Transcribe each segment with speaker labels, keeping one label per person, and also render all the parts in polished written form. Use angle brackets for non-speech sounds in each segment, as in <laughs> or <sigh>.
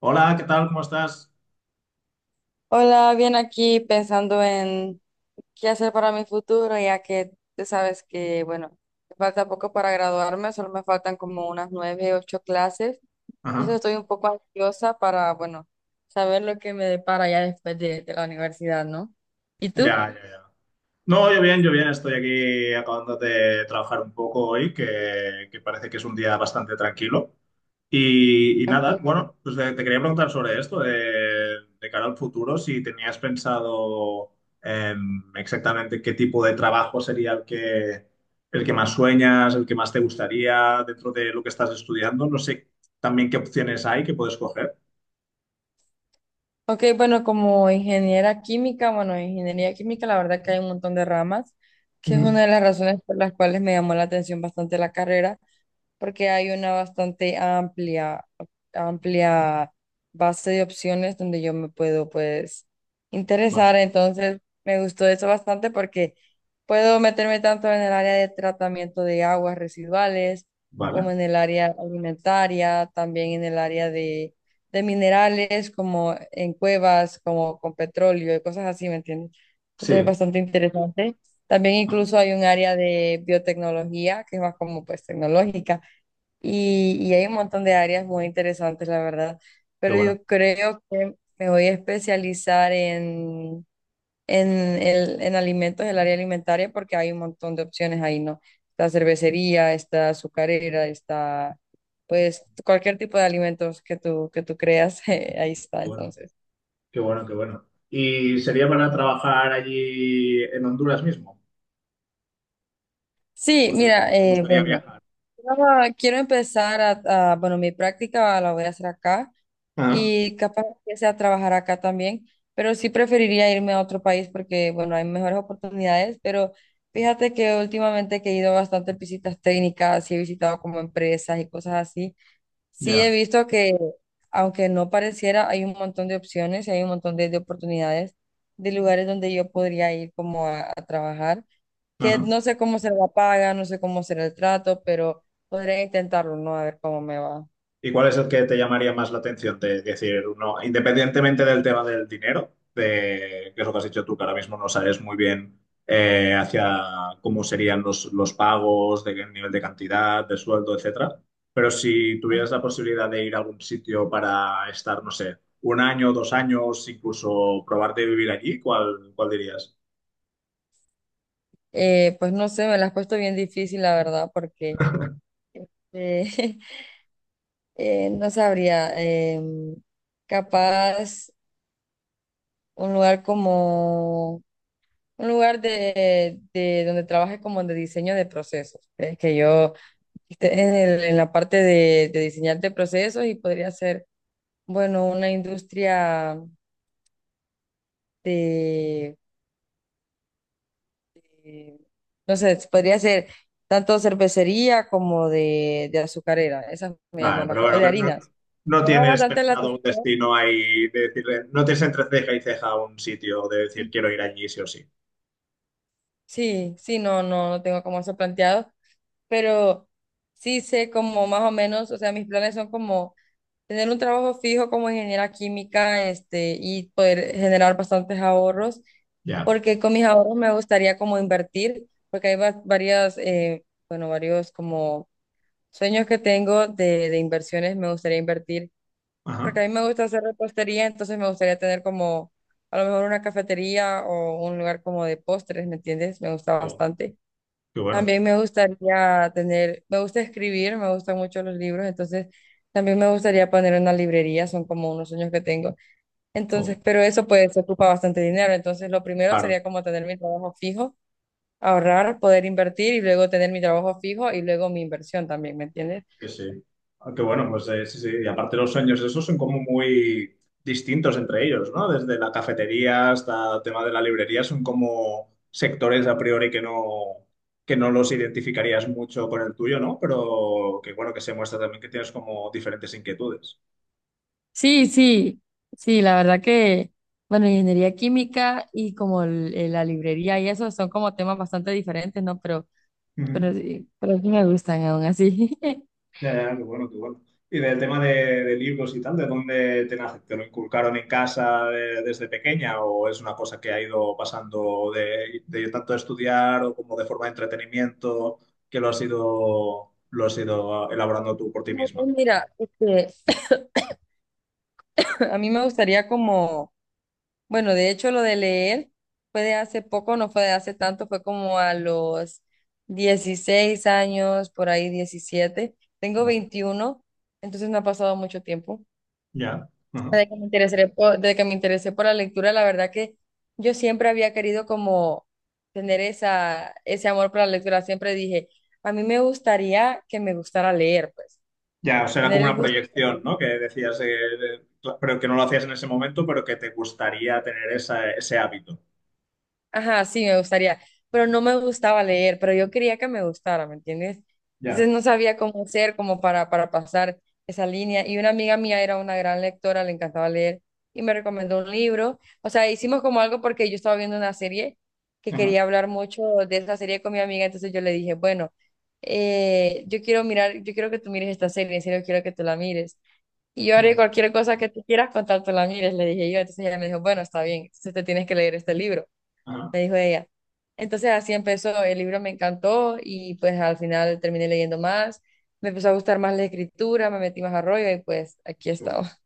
Speaker 1: Hola, ¿qué tal? ¿Cómo estás?
Speaker 2: Hola, bien aquí pensando en qué hacer para mi futuro, ya que tú sabes que, bueno, me falta poco para graduarme, solo me faltan como unas nueve, ocho clases.
Speaker 1: Ajá,
Speaker 2: Entonces estoy un poco ansiosa para, bueno, saber lo que me depara ya después de la universidad, ¿no? ¿Y tú?
Speaker 1: ya, ya, ya. No, yo bien, estoy aquí acabando de trabajar un poco hoy, que parece que es un día bastante tranquilo. Y nada,
Speaker 2: Okay.
Speaker 1: bueno, pues te quería preguntar sobre esto, de cara al futuro, si tenías pensado exactamente qué tipo de trabajo sería el que más sueñas, el que más te gustaría dentro de lo que estás estudiando. No sé también qué opciones hay que puedes coger.
Speaker 2: Ok, bueno, como ingeniera química, bueno, ingeniería química, la verdad que hay un montón de ramas, que es
Speaker 1: Ujú.
Speaker 2: una de las razones por las cuales me llamó la atención bastante la carrera porque hay una bastante amplia, amplia base de opciones donde yo me puedo pues
Speaker 1: Vale,
Speaker 2: interesar. Entonces me gustó eso bastante porque puedo meterme tanto en el área de tratamiento de aguas residuales
Speaker 1: vale.
Speaker 2: como en el área alimentaria, también en el área de minerales como en cuevas, como con petróleo y cosas así, ¿me entiendes? Entonces es
Speaker 1: Sí.
Speaker 2: bastante interesante. También
Speaker 1: Ajá.
Speaker 2: incluso hay un área de biotecnología que es más como pues tecnológica y hay un montón de áreas muy interesantes, la verdad,
Speaker 1: Qué
Speaker 2: pero
Speaker 1: bueno.
Speaker 2: yo creo que me voy a especializar en, en alimentos, el área alimentaria, porque hay un montón de opciones ahí, ¿no? Está cervecería, está azucarera, está, pues, cualquier tipo de alimentos que tú creas, <laughs> ahí
Speaker 1: Qué
Speaker 2: está,
Speaker 1: bueno,
Speaker 2: entonces.
Speaker 1: qué bueno. ¿Y sería para trabajar allí en Honduras mismo?
Speaker 2: Sí,
Speaker 1: O
Speaker 2: mira,
Speaker 1: te gustaría
Speaker 2: bueno,
Speaker 1: viajar?
Speaker 2: quiero empezar a, bueno, mi práctica la voy a hacer acá.
Speaker 1: Ah,
Speaker 2: Y capaz empiece a trabajar acá también, pero sí preferiría irme a otro país porque, bueno, hay mejores oportunidades, pero fíjate que últimamente que he ido bastante visitas técnicas y he visitado como empresas y cosas así, sí he
Speaker 1: ya.
Speaker 2: visto que, aunque no pareciera, hay un montón de opciones y hay un montón de oportunidades de lugares donde yo podría ir como a trabajar que
Speaker 1: Ajá.
Speaker 2: no sé cómo se la paga, no sé cómo será el trato, pero podría intentarlo, ¿no? A ver cómo me va.
Speaker 1: ¿Y cuál es el que te llamaría más la atención? De decir, no, independientemente del tema del dinero, de, que es lo que has dicho tú, que ahora mismo no sabes muy bien hacia cómo serían los pagos, de qué nivel de cantidad, de sueldo, etcétera. Pero si tuvieras la posibilidad de ir a algún sitio para estar, no sé, un año, dos años, incluso probar de vivir allí, ¿ cuál dirías?
Speaker 2: Pues no sé, me la has puesto bien difícil, la verdad, porque eh, <laughs> no sabría. em, Capaz un lugar como, un lugar de donde trabaje como de diseño de procesos. Es que yo esté en en la parte de diseñar de procesos y podría ser, bueno, una industria de, de- no sé, podría ser tanto cervecería como de azucarera. Esas me
Speaker 1: Vale,
Speaker 2: llaman
Speaker 1: pero
Speaker 2: bastante, o
Speaker 1: bueno,
Speaker 2: de
Speaker 1: que no,
Speaker 2: harinas.
Speaker 1: no
Speaker 2: Llama
Speaker 1: tienes
Speaker 2: bastante la
Speaker 1: pensado un
Speaker 2: atención.
Speaker 1: destino ahí de decirle, no tienes entre ceja y ceja un sitio de decir quiero ir allí sí o sí.
Speaker 2: Sí, sí, no, no, no tengo como eso planteado, pero sí sé como más o menos, o sea, mis planes son como tener un trabajo fijo como ingeniera química, este, y poder generar bastantes ahorros,
Speaker 1: Ya,
Speaker 2: porque con mis ahorros me gustaría como invertir, porque hay varias, bueno, varios como sueños que tengo de inversiones, me gustaría invertir.
Speaker 1: ajá.
Speaker 2: Porque a mí me gusta hacer repostería, entonces me gustaría tener como a lo mejor una cafetería o un lugar como de postres, ¿me entiendes? Me gusta
Speaker 1: Oh,
Speaker 2: bastante.
Speaker 1: qué bueno.
Speaker 2: También me gustaría tener, me gusta escribir, me gustan mucho los libros, entonces también me gustaría poner una librería, son como unos sueños que tengo. Entonces,
Speaker 1: Oh,
Speaker 2: pero eso pues ocupa bastante dinero, entonces lo primero
Speaker 1: claro,
Speaker 2: sería como tener mi trabajo fijo, ahorrar, poder invertir y luego tener mi trabajo fijo y luego mi inversión también, ¿me entiendes?
Speaker 1: sí, sí. Ah, qué bueno, pues sí, sí. Y aparte los sueños esos son como muy distintos entre ellos, ¿no? Desde la cafetería hasta el tema de la librería son como sectores a priori que no los identificarías mucho con el tuyo, ¿no? Pero que bueno, que se muestra también que tienes como diferentes inquietudes.
Speaker 2: Sí, sí, sí, la verdad que, bueno, ingeniería química y como la librería y eso son como temas bastante diferentes, ¿no?
Speaker 1: Ujú.
Speaker 2: Pero sí me gustan aún así. <laughs>
Speaker 1: Ya, ya, qué bueno, qué bueno. Y del tema de libros y tal, ¿de dónde te nace? ¿Te lo inculcaron en casa desde pequeña o es una cosa que ha ido pasando de tanto estudiar o como de forma de entretenimiento que lo has ido elaborando tú por ti
Speaker 2: No, no,
Speaker 1: misma?
Speaker 2: mira, este, <coughs> <clears throat> a mí me gustaría como, bueno, de hecho lo de leer fue de hace poco, no fue de hace tanto, fue como a los 16 años, por ahí 17. Tengo
Speaker 1: Vale.
Speaker 2: 21, entonces no ha pasado mucho tiempo.
Speaker 1: Ya. Ajá.
Speaker 2: Desde que me interesé por, desde que me interesé por la lectura, la verdad que yo siempre había querido como tener esa, ese amor por la lectura. Siempre dije, a mí me gustaría que me gustara leer, pues,
Speaker 1: Ya, o sea, era
Speaker 2: tener
Speaker 1: como
Speaker 2: el
Speaker 1: una
Speaker 2: gusto.
Speaker 1: proyección, ¿no? Que decías, pero que no lo hacías en ese momento, pero que te gustaría tener esa, ese hábito.
Speaker 2: Ajá, sí, me gustaría, pero no me gustaba leer, pero yo quería que me gustara, ¿me entiendes? Entonces
Speaker 1: Ya.
Speaker 2: no sabía cómo hacer como para pasar esa línea y una amiga mía era una gran lectora, le encantaba leer y me recomendó un libro, o sea, hicimos como algo porque yo estaba viendo una serie que
Speaker 1: Ajá.
Speaker 2: quería hablar mucho de esa serie con mi amiga, entonces yo le dije, bueno, yo quiero mirar, yo quiero que tú mires esta serie, en serio quiero que tú la mires. Y yo haré
Speaker 1: Vale.
Speaker 2: cualquier cosa que tú quieras contar, tú la mires, le dije yo. Entonces ella me dijo, bueno, está bien, entonces te tienes que leer este libro,
Speaker 1: Ajá.
Speaker 2: me dijo ella. Entonces así empezó, el libro me encantó y pues al final terminé leyendo más, me empezó a gustar más la escritura, me metí más a rollo y pues aquí
Speaker 1: Qué bueno.
Speaker 2: estaba.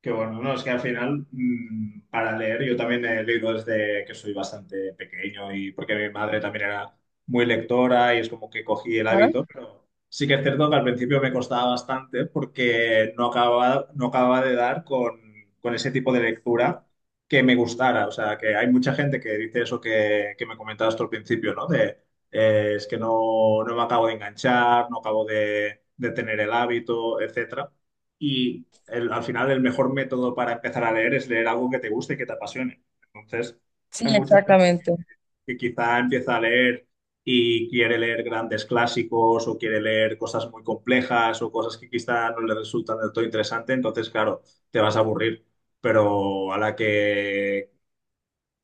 Speaker 1: Qué bueno, no, es que al final para leer yo también he leído desde que soy bastante pequeño y porque mi madre también era muy lectora y es como que cogí el
Speaker 2: Ah,
Speaker 1: hábito, pero sí que es cierto que al principio me costaba bastante porque no acababa, no acababa de dar con ese tipo de lectura que me gustara. O sea, que hay mucha gente que dice eso que me comentabas tú al principio, ¿no? De Es que no me acabo de enganchar, no acabo de tener el hábito, etcétera. Y al final el mejor método para empezar a leer es leer algo que te guste y que te apasione. Entonces,
Speaker 2: sí, exactamente.
Speaker 1: que quizá empieza a leer y quiere leer grandes clásicos o quiere leer cosas muy complejas o cosas que quizá no le resultan del todo interesante, entonces, claro, te vas a aburrir. Pero a la que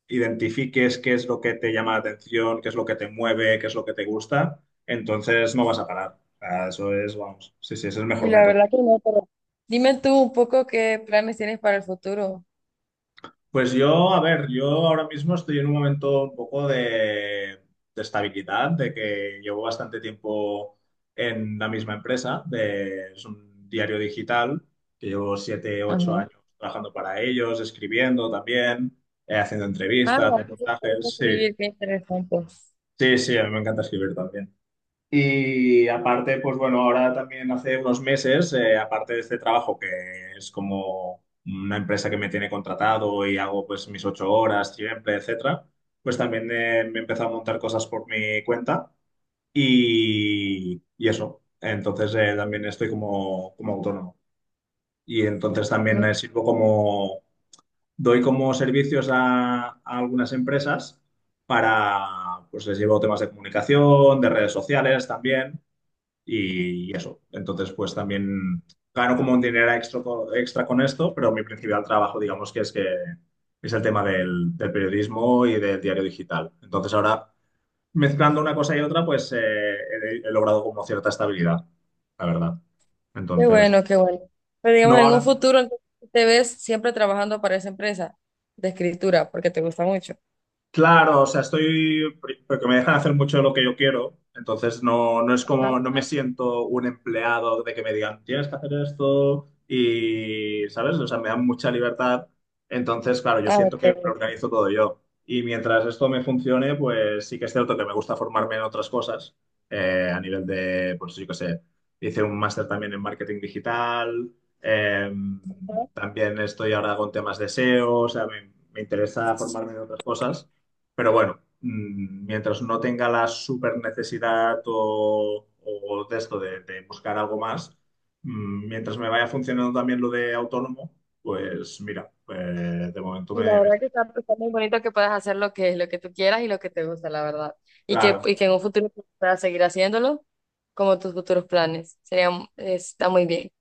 Speaker 1: identifiques qué es lo que te llama la atención, qué es lo que te mueve, qué es lo que te gusta, entonces no vas a parar. O sea, eso es, vamos, sí, sí, ese es el
Speaker 2: Y
Speaker 1: mejor
Speaker 2: la
Speaker 1: método.
Speaker 2: verdad que no, pero... Dime tú un poco qué planes tienes para el futuro.
Speaker 1: Pues yo, a ver, yo ahora mismo estoy en un momento un poco de estabilidad, de que llevo bastante tiempo en la misma empresa, es un diario digital, que llevo siete, ocho
Speaker 2: Ajá.
Speaker 1: años trabajando para ellos, escribiendo también, haciendo
Speaker 2: Ah,
Speaker 1: entrevistas,
Speaker 2: bueno, entonces te gusta
Speaker 1: reportajes, sí,
Speaker 2: escribir, qué interesante.
Speaker 1: sí, sí, a mí me encanta escribir también. Y aparte, pues bueno, ahora también hace unos meses, aparte de este trabajo que es como una empresa que me tiene contratado y hago pues mis ocho horas siempre, etcétera, pues también me he empezado a montar cosas por mi cuenta y eso. Entonces también estoy como, como autónomo. Y entonces también
Speaker 2: Mm,
Speaker 1: sirvo como, doy como servicios a algunas empresas para, pues les llevo temas de comunicación, de redes sociales también y eso. Entonces, pues también gano como un dinero extra, extra con esto, pero mi principal trabajo, digamos que es el tema del periodismo y del diario digital. Entonces, ahora mezclando una cosa y otra, pues he logrado como cierta estabilidad, la verdad.
Speaker 2: qué
Speaker 1: Entonces,
Speaker 2: bueno, qué bueno. Pero digamos,
Speaker 1: no
Speaker 2: en un
Speaker 1: ahora.
Speaker 2: futuro entonces, te ves siempre trabajando para esa empresa de escritura porque te gusta mucho.
Speaker 1: Claro, o sea, estoy, porque me dejan hacer mucho de lo que yo quiero, entonces no, no es
Speaker 2: Ajá.
Speaker 1: como, no me siento un empleado de que me digan, tienes que hacer esto y, ¿sabes? O sea, me dan mucha libertad, entonces, claro, yo
Speaker 2: Ah,
Speaker 1: siento
Speaker 2: ok.
Speaker 1: que lo organizo todo yo. Y mientras esto me funcione, pues sí que es cierto que me gusta formarme en otras cosas, a nivel de, pues yo qué sé, hice un máster también en marketing digital, eh, también estoy ahora con temas de SEO, o sea, me interesa formarme en otras cosas. Pero bueno, mientras no tenga la super necesidad o de esto de buscar algo más, mientras me vaya funcionando también lo de autónomo, pues mira, de momento
Speaker 2: Y la verdad
Speaker 1: estoy.
Speaker 2: que está, está muy bonito que puedas hacer lo que tú quieras y lo que te gusta, la verdad.
Speaker 1: Claro,
Speaker 2: Y que en un futuro puedas seguir haciéndolo como tus futuros planes. Sería, está muy bien.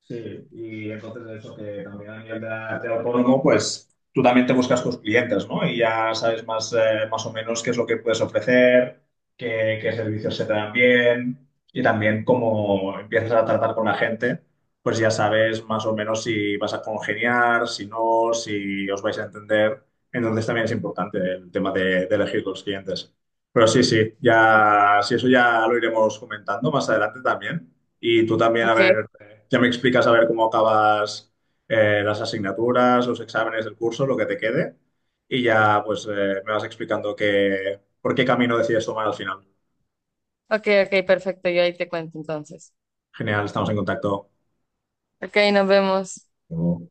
Speaker 1: sí, y entonces eso que también a nivel de autónomo, pues tú también te buscas tus clientes, ¿no? Y ya sabes más, más o menos qué es lo que puedes ofrecer, qué servicios se te dan bien y también cómo empiezas a tratar con la gente, pues ya sabes más o menos si vas a congeniar, si no, si os vais a entender. Entonces también es importante el tema de elegir los clientes. Pero sí, sí, ya, si eso ya lo iremos comentando más adelante también. Y tú también, a
Speaker 2: Ok,
Speaker 1: ver ya me explicas a ver cómo acabas las asignaturas, los exámenes del curso, lo que te quede. Y ya pues me vas explicando qué, por qué camino decides tomar al final.
Speaker 2: ok, ok, perfecto. Yo ahí te cuento entonces.
Speaker 1: Genial, estamos en contacto.
Speaker 2: Ok, nos vemos.
Speaker 1: Luego.